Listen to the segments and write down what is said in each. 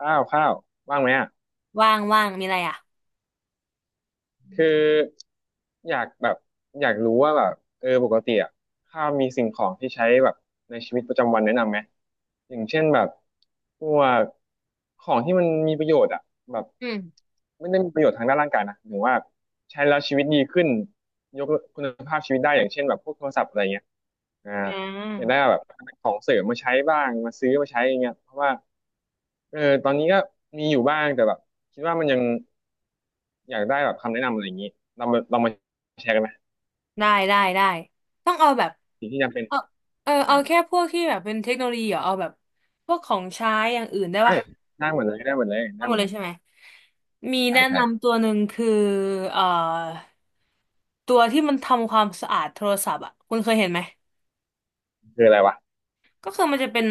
ข้าวข้าวว่างไหมอ่ะว่างมีอะไรอ่ะคืออยากแบบอยากรู้ว่าแบบเออปกติอ่ะข้าวมีสิ่งของที่ใช้แบบในชีวิตประจำวันแนะนำไหมอย่างเช่นแบบพวกของที่มันมีประโยชน์อ่ะแบบอืมไม่ได้มีประโยชน์ทางด้านร่างกายนะหรือว่าใช้แล้วชีวิตดีขึ้นยกคุณภาพชีวิตได้อย่างเช่นแบบพวกโทรศัพท์อะไรเงี้ยอ่าอ่อยากาได้แบบของเสริมมาใช้บ้างมาซื้อมาใช้อย่างเงี้ยเพราะว่าเออตอนนี้ก็มีอยู่บ้างแต่แบบคิดว่ามันยัง อยากได้แบบคำแนะนำอะไรอย่างนี้เรามาแชร์กันไหมได้ได้ได้ต้องเอาแบบสิ่งที่จำเป็นเอาอ่าเอาแค่พวกที่แบบเป็นเทคโนโลยีเหรอเอาแบบพวกของใช้อย่างอื่นได้เอ้ปะยได้หมดเลยได้หมดเลยเอาได้หมหมดดเลเลยยใช่ไหมมีใช่แนะใช่นำตัวหนึ่งคือเอ่อตัวที่มันทำความสะอาดโทรศัพท์อ่ะคุณเคยเห็นไหม คืออะไรวะก็คือมันจะเป็น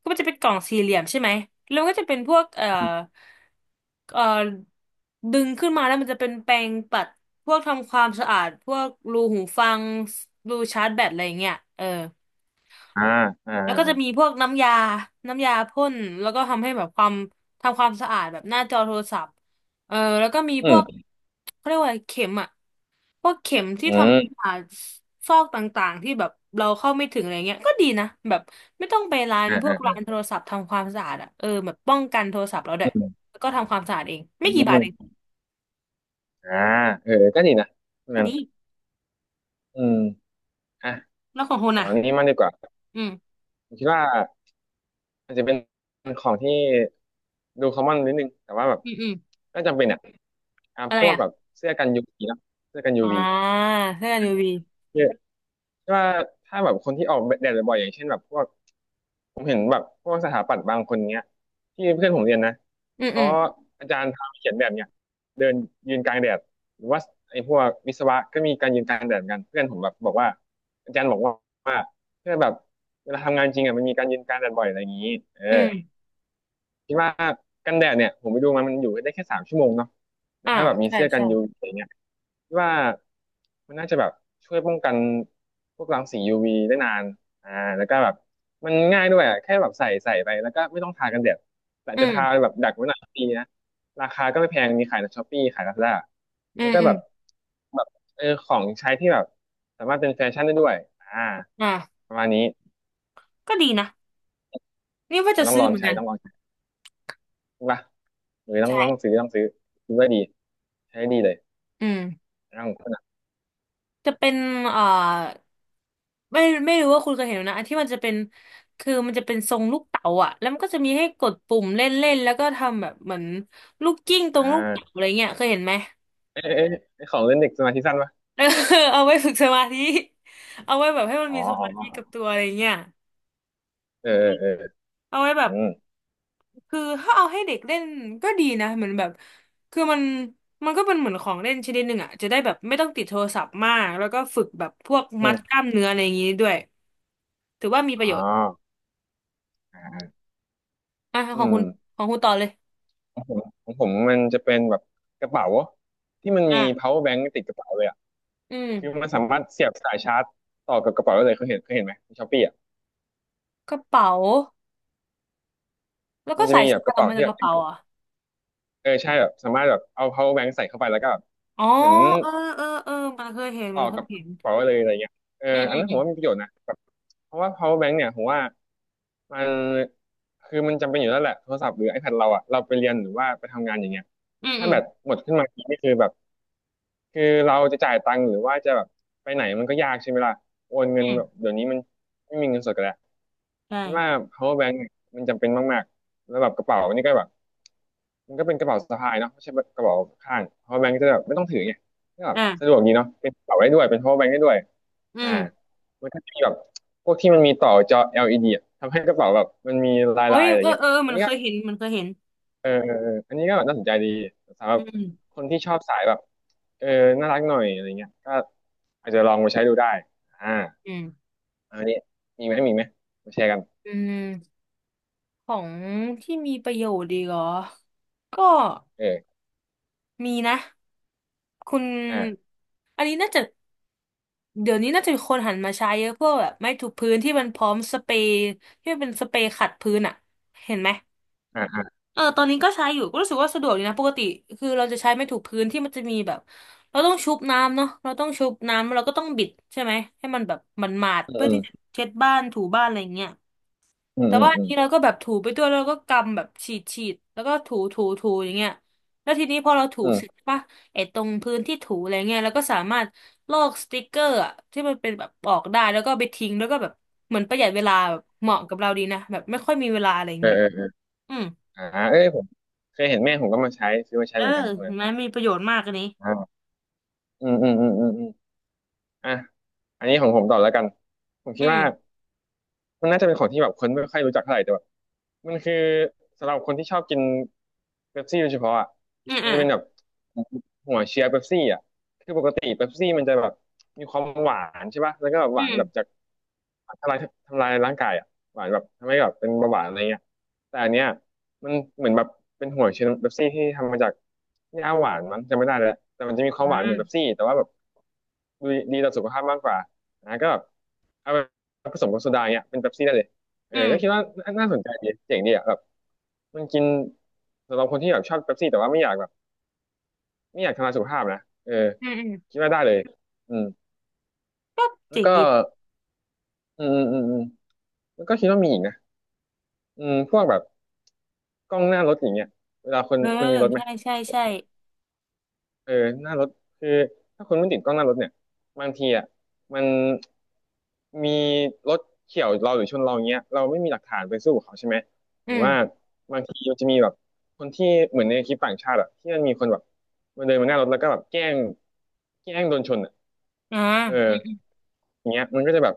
ก็มันจะเป็นกล่องสี่เหลี่ยมใช่ไหมแล้วมันก็จะเป็นพวกเอ่อดึงขึ้นมาแล้วมันจะเป็นแปรงปัดพวกทำความสะอาดพวกรูหูฟังรูชาร์จแบตอะไรอย่างเงี้ยเออ อ่าอ่าแล้วก็จะมีอาพวกน้ำยาน้ำยาพ่นแล้วก็ทำให้แบบความทำความสะอาดแบบหน้าจอโทรศัพท์เออแล้วก็มีอืพวกมเขาเรียกว่าอะไรเข็มอะพวกเข็มที่อืทมำผ่าซอกต่างๆที่แบบเราเข้าไม่ถึงอะไรเงี้ยก็ดีนะแบบไม่ต้องไปร้านพวกร้านโทรศัพท์ทำความสะอาดอะเออแบบป้องกันโทรศัพท์เราด้วยอืมแล้วก็ทำความสะอาดเอง อืไม่กี่บาทเองมอ่าเออก็ดีนะแค่นั่นนี้อืมอ่ะแล้วของคุณขออะงนี้มากดีกว่าอืมผมคิดว่าอาจจะเป็นของที่ดูคอมมอนนิดนึงแต่ว่าแบบอืมอืมก็จำเป็นอ่ะอ่าอะไรพวกอะแบบเสื้อกันยูวีเนาะเสื้อกันยูอ่าวีเสื้อกัน UV เยอะว่าถ้าแบบคนที่ออกแดดบ่อยๆอย่างเช่นแบบพวก ผมเห็นแบบพวกสถาปัตย์บางคนเนี้ยที่เพื่อนผมเรียนนะอืมเขาอืมอาจารย์ทำเขียนแบบเนี้ยเดินยืนกลางแดดหรือว่าไอ้พวกวิศวะก็มีการยืนกลางแดดเหมือนกันเพื่อนผมแบบบอกว่าอาจารย์บอกว่าว่าเพื่อนแบบเวลาทำงานจริงอ่ะมันมีการยืนกลางแดดบ่อยอะไรอย่างนี้เออ อืมคิดว่ากันแดดเนี่ยผมไปดูมันมันอยู่ได้แค่สามชั่วโมงเนาะแต่อ่าถ้าแบบมีใช่เสื้อกันใช่ยูวีอะไรเงี้ยคิดว่ามันน่าจะแบบช่วยป้องกันพวกรังสี UV ได้นานอ่าแล้วก็แบบมันง่ายด้วยอะแค่แบบใส่ไปแล้วก็ไม่ต้องทากันแดดแต่อืจะทาม แบบดักไว้หน่อยก็ดีนะราคาก็ไม่แพงมีขายในช้อปปี้ขายลาซาด้าอืแล้วมก็อืแบมบแบบเออของใช้ที่แบบสามารถเป็นแฟชั่นได้ด้วยอ่าอ่าประมาณนี้ก็ดีนะนี่ว่าจะต้องซื้ลออเหงมือนใช้กันต้องลองใช้ใช่ปะ เลอต้องใช่ซื้อต้องซื้อซื้อไว้ดีใช้ดีเลยอืมร่างคนอ่ะจะเป็นเอ่อไม่ไม่รู้ว่าคุณเคยเห็นไหมนะอันที่มันจะเป็นคือมันจะเป็นทรงลูกเต๋าอ่ะแล้วมันก็จะมีให้กดปุ่มเล่นเล่นแล้วก็ทำแบบเหมือนลูกกิ้งตรงอ่าลูกเต๋าอะไรเงี้ยเคยเห็นไหมไอของเล่นเด็กสมาธิสั้นปะเออ เอาไว้ฝึกสมาธิเอาไว้แบบให้มันอ๋อมีสอ๋มาธิกับอตัวอะไรเงี้ยเออเออเออเอาไว้แบอืบ มคือถ้าเอาให้เด็กเล่นก็ดีนะเหมือนแบบคือมันมันก็เป็นเหมือนของเล่นชนิดหนึ่งอ่ะจะได้แบบไม่ต้องติดโทรศัพท์มากแล้วก็ฝึกแบบพวกอืมัดกมล้ามเนื้ออะไรอย่างงี้ด้วยถือว่ามีประโยอ๋อชน์อ่าอ่ะอืของคุมณของคุณต่อเลยของผมมันจะเป็นแบบกระเป๋าที่มันอ่ะมี power bank ติดกระเป๋าเลยอ่ะอืมคือมันสามารถเสียบสายชาร์จต่อกับกระเป๋าได้เลยเคยเห็นเคยเห็นไหมในช้อปปี้อ่ะกระเป๋าแล้วมัก็นจะสายมีแบชาบกร์จระออกเป๋ามาจาที่กแบกบระเป๋าเหรอ่ะเเออใช่แบบสามารถแบบเอา power bank ใส่เข้าไปแล้วก็แบบอ๋อเหมือนเออเออเออมันเคยเห็นต่มัอนเคกัยบกเห็ระนเป๋าได้เลยอะไรเงี้ยเอออืมอัอืนมนั้นผอืมมว่ามีประโยชน์นะ เพราะว่า power bank เนี่ยผมว่ามันคือมันจำเป็นอยู่แล้วแหละโทรศัพท์หรือ iPad เราอะเราไปเรียนหรือว่าไปทำงานอย่างเงี้ยอืมอืถ้ามแบตหมดขึ้นมาทีนี่คือแบบคือเราจะจ่ายตังค์หรือว่าจะแบบไปไหนมันก็ยากใช่ไหมล่ะโอนเงิอืนแบบมเดี๋ยวนี้มันไม่มีเงินสดกันแล้วคิดว่า ใช่ power bank เนี่ยมันจำเป็นมากๆแล้วแบบกระเป๋านี่ก็แบบ มันก็เป็นกระเป๋าสะพายเนาะไม่ใช่กระเป๋าข้างเพราะแบงค์จะแบบไม่ต้องถือไงก็แบบสะดอ่ะวกดีเนาะเป็นกระเป๋าได้ด้วยเป็น power bank ได้ด้วยอือ่ามมันก็จะมีแบบพวกที่มันมีต่อจอ LED อลอีดีอะทำให้กระเป๋าแบบมันมีโอ้ลายยๆอะไรเออเงี้ยเออเอออันมันนี้เคก็ยเห็นมันเคยเห็นเออเออเอออันนี้ก็แบบน่าสนใจดีสำหรัอืบมคนที่ชอบสายแบบเออน่ารักหน่อยอะไรเงี้ยก็อาจจะลองมาใช้ดูได้อ่าอืมอันนี้มีไหมมีไหมมาแชร์กันอืม ของที่มีประโยชน์ดีกเหรอก็เออมีนะคุณอ่าอันนี้น่าจะเดี๋ยวนี้น่าจะมีคนหันมาใช้เยอะพวกแบบไม้ถูพื้นที่มันพร้อมสเปรย์ที่มันเป็นสเปรย์ขัดพื้นอะเห็นไหมอ่าอ่าเออตอนนี้ก็ใช้อยู่ก็รู้สึกว่าสะดวกดีนะปกติคือเราจะใช้ไม้ถูกพื้นที่มันจะมีแบบเราต้องชุบน้ำเนาะเราต้องชุบน้ำเราก็ต้องบิดใช่ไหมให้มันแบบมันหมาดอืๆเพื่อที่จะมเช็ดบ้านถูบ้านอะไรเงี้ย อืมแต่อืมว่าอัอืนมนี้เราก็แบบถูไปด้วยแล้วเราก็กำแบบฉีดฉีดแล้วก็ถูถูถูอย่างเงี้ยแล้วทีนี้พอเราถูอืเสร็จมป่ะไอ้ตรงพื้นที่ถูอะไรเงี้ยเราก็สามารถลอกสติกเกอร์อะที่มันเป็นแบบออกได้แล้วก็เอาไปทิ้งแล้วก็แบบเหมือนประหยัดเวลาแบบเหมาะกับเราดีนะแบบไม่ค่อยมีเวลาอะไรอย่าเององี้เออ อืมอ่าเอ้ยผมเคยเห็นแม่ผมก็มาใช้ซื้อมาใช้เออเหมือนกันคนเห็นั้นนไหมมีประโยชน์มากอันนี้อ่าอืมอืมอืมอืมอมอ่ะอันนี้ของผมต่อแล้วกัน ผมคิอืดว่า มมันน่าจะเป็นของที่แบบคนไม่ค่อยรู้จักเท่าไหร่แต่แบบมันคือสำหรับคนที่ชอบกินเป๊ปซี่โดยเฉพาะอ่ะอืมมันอ่ะจะเป็นแบบหัวเชียร์เป๊ปซี่อ่ะคือปกติเป๊ปซี่มันจะแบบมีความหวานใช่ป่ะแล้วก็แบบหอืวานแบบจามกทำลายทำลายร่างกายอ่ะหวานแบบทำให้แบบเป็นเบาหวานอะไรเงี้ยแต่อันเนี้ยมันเหมือนแบบเป็นหัวเชียร์เป๊ปซี่ที่ทำมาจากหญ้าหวานมันจำไม่ได้แล้วแต่มันจะมีความอืหวานมเหมือนเป๊ปซี่แต่ว่าแบบดีต่อสุขภาพมากกว่านะก็แบบเอา ผสมกับโซดาเนี่ยเป็นเป๊ปซี่ได้เลยเออือก็คิดมว่าน่าสนใจดีเจ๋งดีอ่ะแบบมันกินสำหรับคนที่แบบชอบเป๊ปซี่แต่ว่าไม่อยากแบบไม่อยากทำลายสุขภาพนะเอออืมอืมคิดว่าได้เลยอืมก็แล้เจ๋วงก็ดีอืมอืมอืมแล้วก็คิดว่ามีอีกนะอืมพวกแบบกล้องหน้ารถอย่างเงี้ยเวลาคนเออคุณมีรถไหม ใช่ใช่ใช่เออหน้ารถคือถ้าคุณไม่ติดกล้องหน้ารถเนี่ยบางทีอ่ะมันมีรถเฉี่ยวเราหรือชนเราอย่างเงี้ยเราไม่มีหลักฐานไปสู้กับเขาใช่ไหมหอืรือว่ามบางทีมันจะมีแบบคนที่เหมือนในคลิปต่างชาติอ่ะที่มันมีคนแบบมันเดินมาหน้ารถแล้วก็แบบแกล้งโดนชนอ่ะอ่าเอออืมอย่างเงี้ยมันก็จะแบบ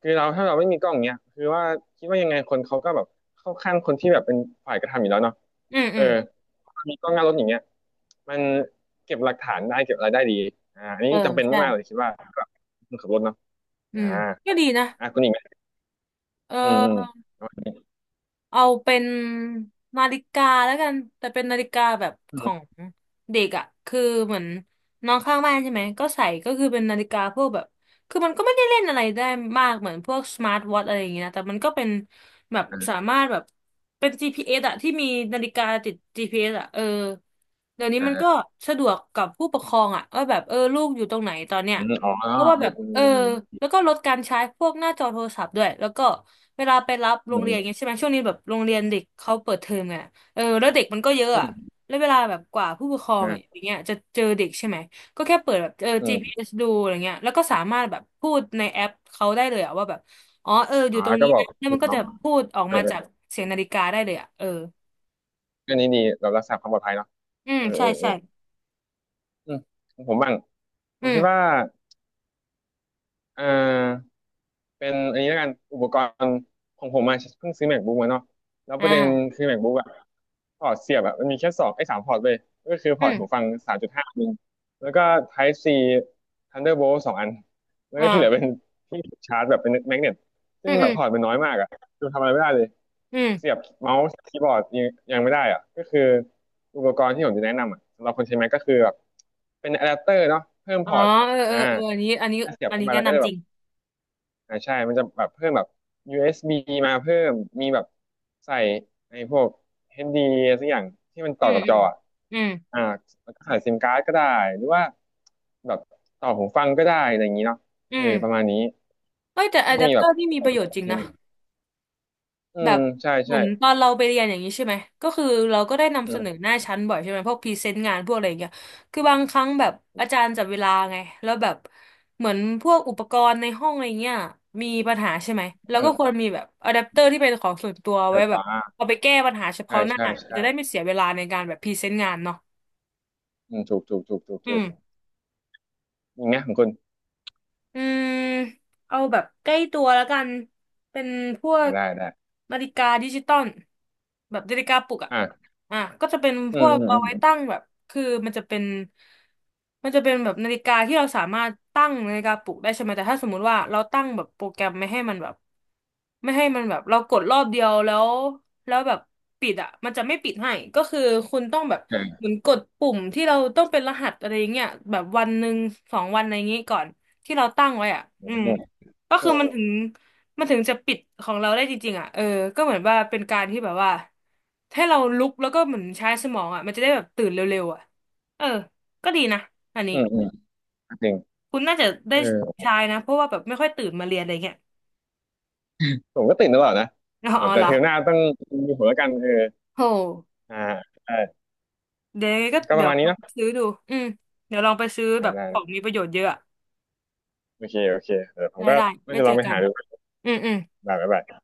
คือเราถ้าเราไม่มีกล้องเนี้ยคือว่าคิดว่ายังไงคนเขาก็แบบเข้าข้างคนที่แบบเป็นฝ่ายกระทำอยู่แล้วเนาะอืมเออือมมีกล้องหน้ารถอย่างเงี้ยมันเก็บหลักฐานได้เก็บอะไรได้ดีอ่าอันเอนี้อจำเป็นใช่มากๆเลยคิดว่าสำหรับคนขับรถเนาะอือ่ามก็ดีนะ อ่าคุณอีกไหมเออืมอืมอเอาเป็นนาฬิกาแล้วกันแต่เป็นนาฬิกาแบบอืขอมงเด็กอ่ะคือเหมือนน้องข้างบ้านใช่ไหมก็ใส่ก็คือเป็นนาฬิกาพวกแบบคือมันก็ไม่ได้เล่นอะไรได้มากเหมือนพวกสมาร์ทวอทอะไรอย่างเงี้ยนะแต่มันก็เป็นแบบสาอ่ามารถแบบเป็น GPS อสอ่ะที่มีนาฬิกาติด GPS อสอ่ะเออเดี๋ยวนี้มันก็อ่าสะดวกกับผู้ปกครองอ่ะว่าแบบเออลูกอยู่ตรงไหนตอนเนี้ยอืมอ๋อเพราะว่าเอแบอบเอเอออแล้วก็ลดการใช้พวกหน้าจอโทรศัพท์ด้วยแล้วก็ เวลาไปรับโรอืงเรียนอมย่างเงี้ยใช่ไหมช่วงนี้แบบโรงเรียนเด็กเขาเปิดเทอมไงเออแล้วเด็กมันก็เยอะอือะมแล้วเวลาแบบกว่าผู้ปกครออืงอมอาย่างเงี้ยจะเจอเด็กใช่ไหมก็แค่เปิดแบบเออ อืม GPS ดูอะไรเงี้ยแล้วก็สามารถแบบพูดในแอปเขาได้เลยอะว่าแบบอ๋อเออออ๋ยู่อตรงก็นี้บอนะกแล้วคุมันณก็น้อจะงพูดออกเออมาเอจากอเสียงนาฬิกาได้เลยอะเออเรื่องนี้ดีเรารักษาความปลอดภัยเนาะอืมเออใช่เออเอใช่ออืมของผมบ้างผอืมคิดว่ามเออ เป็นอันนี้แล้วกันอุปกรณ์ของผมมาเพิ่งซื้อ MacBook มาเนาะแล้วอ่ประเด็นาคือ MacBook อะพอร์ตเสียบอะมันมีแค่สองไอ้สามพอร์ตเลยก็คือพอือร์ตหูมฟังสามจุดห้านึงแล้วก็ Type C Thunderbolt สองอันแล้วก็ที่เหลือเป็นอ่าที่ชาร์จแบบเป็นแมกเนตอืซึ่งมแบอืบมพอร์ตมันน้อยมากอะคือทำอะไรไม่ได้เลยอืเสียมบเมาส์คีย์บอร์ดยังไม่ได้อะก็คืออุปกรณ์ที่ผมจะแนะนำอะสำหรับคนใช้ Mac ก็คือแบบเป็นอะแดปเตอร์เนาะเพิ่มอ๋พออร์ตเออเออ่าอเอออันนี้อันนี้เสียบอันเข้านี้ไปแนะแล้วก็จะนำจแบริบ งอ่าใช่มันจะแบบเพิ่มแบบ USB มาเพิ่มมีแบบใส่ไอ้พวก HD สักอย่างที่มันต่อือมกับอืจมออะอืมอ่าแล้วก็ใส่ซิมการ์ดก็ได้หรือว่าแบบต่อหูฟังก็ได้อะไรอย่างนี้เนาะอืเออประมมาณนี้เอ้ยแต่มัอะนแดจะปมีเตแบอบร์นี่มีต่ปอระโยชน์จริงใช่ไหนะ มอืแบมบใช่เหมืใช่อนตอนเราไปเรียนอย่างนี้ใช่ไหมก็คือเราก็ได้นำอืเสนอมหน้าชั้นบ่อยใช่ไหมพวกพรีเซนต์งานพวกอะไรอย่างเงี้ยคือบางครั้งแบบอาจารย์จัดเวลาไงแล้วแบบเหมือนพวกอุปกรณ์ในห้องอะไรเงี้ยมีปัญหาใช่ไหมแล้วอืก็ควมรมีแบบอะแดปเตอร์ที่เป็นของส่วนตัวเอไว้อแบบอ่าเอาไปแก้ปัญหาเฉใช่พาะหน้าใช่ใช่จะได้ไม่เสียเวลาในการแบบพรีเซนต์งานเนาะอืมถูกถูกถูกถูกอืถูกม อีกไหมของคุณอืมเอาแบบใกล้ตัวแล้วกันเป็นพวอ่ากได้ได้นาฬิกาดิจิตอลแบบนาฬิกาปลุกอ่ะอ่าอ่ะก็จะเป็นอืพมวกอืมเอาไว้ตั้งแบบคือมันจะเป็นแบบนาฬิกาที่เราสามารถตั้งนาฬิกาปลุกได้ใช่ไหมแต่ถ้าสมมุติว่าเราตั้งแบบโปรแกรมไม่ให้มันแบบไม่ให้มันแบบเรากดรอบเดียวแล้วแล้วแบบปิดอ่ะมันจะไม่ปิดให้ก็คือคุณต้องแบบอเหมือนกดปุ่มที่เราต้องเป็นรหัสอะไรอย่างเงี้ยแบบวันหนึ่งสองวันอะไรอย่างงี้ก่อน ที่เราตั้งไว้อ่ะือืมมก็เอคืออมันถึงจะปิดของเราได้จริงๆอ่ะเออก็เหมือนว่าเป็นการที่แบบว่าให้เราลุกแล้วก็เหมือนใช้สมองอ่ะมันจะได้แบบตื่นเร็วๆอ่ะเออก็ดีนะอันนี้อืมอืมอืมอืมจริงคุณน่าจะเอได้อ ใช้นะเพราะว่าแบบไม่ค่อยตื่นมาเรียนอะไรเงี้ย ผมก็ติดตลอดนะ อ๋ออ๋อแต่เหรอเทอมหน้าต้องมีผมแล้วกันเออโหอ่าได้เดี๋ยวยังไงก็ก็ปเดี๋ระยวมาณลนี้องเนาะไปซื้อดูอืมเดี๋ยวลองไปซื้อแบอ่าบได้ของมีประโยชน์เยอะอะโอเคโอเคเดี๋ยวผมได้ก็ได้น่าไว้จะลเจอองไปกันหาดูอืมอืมบ๊ายบาย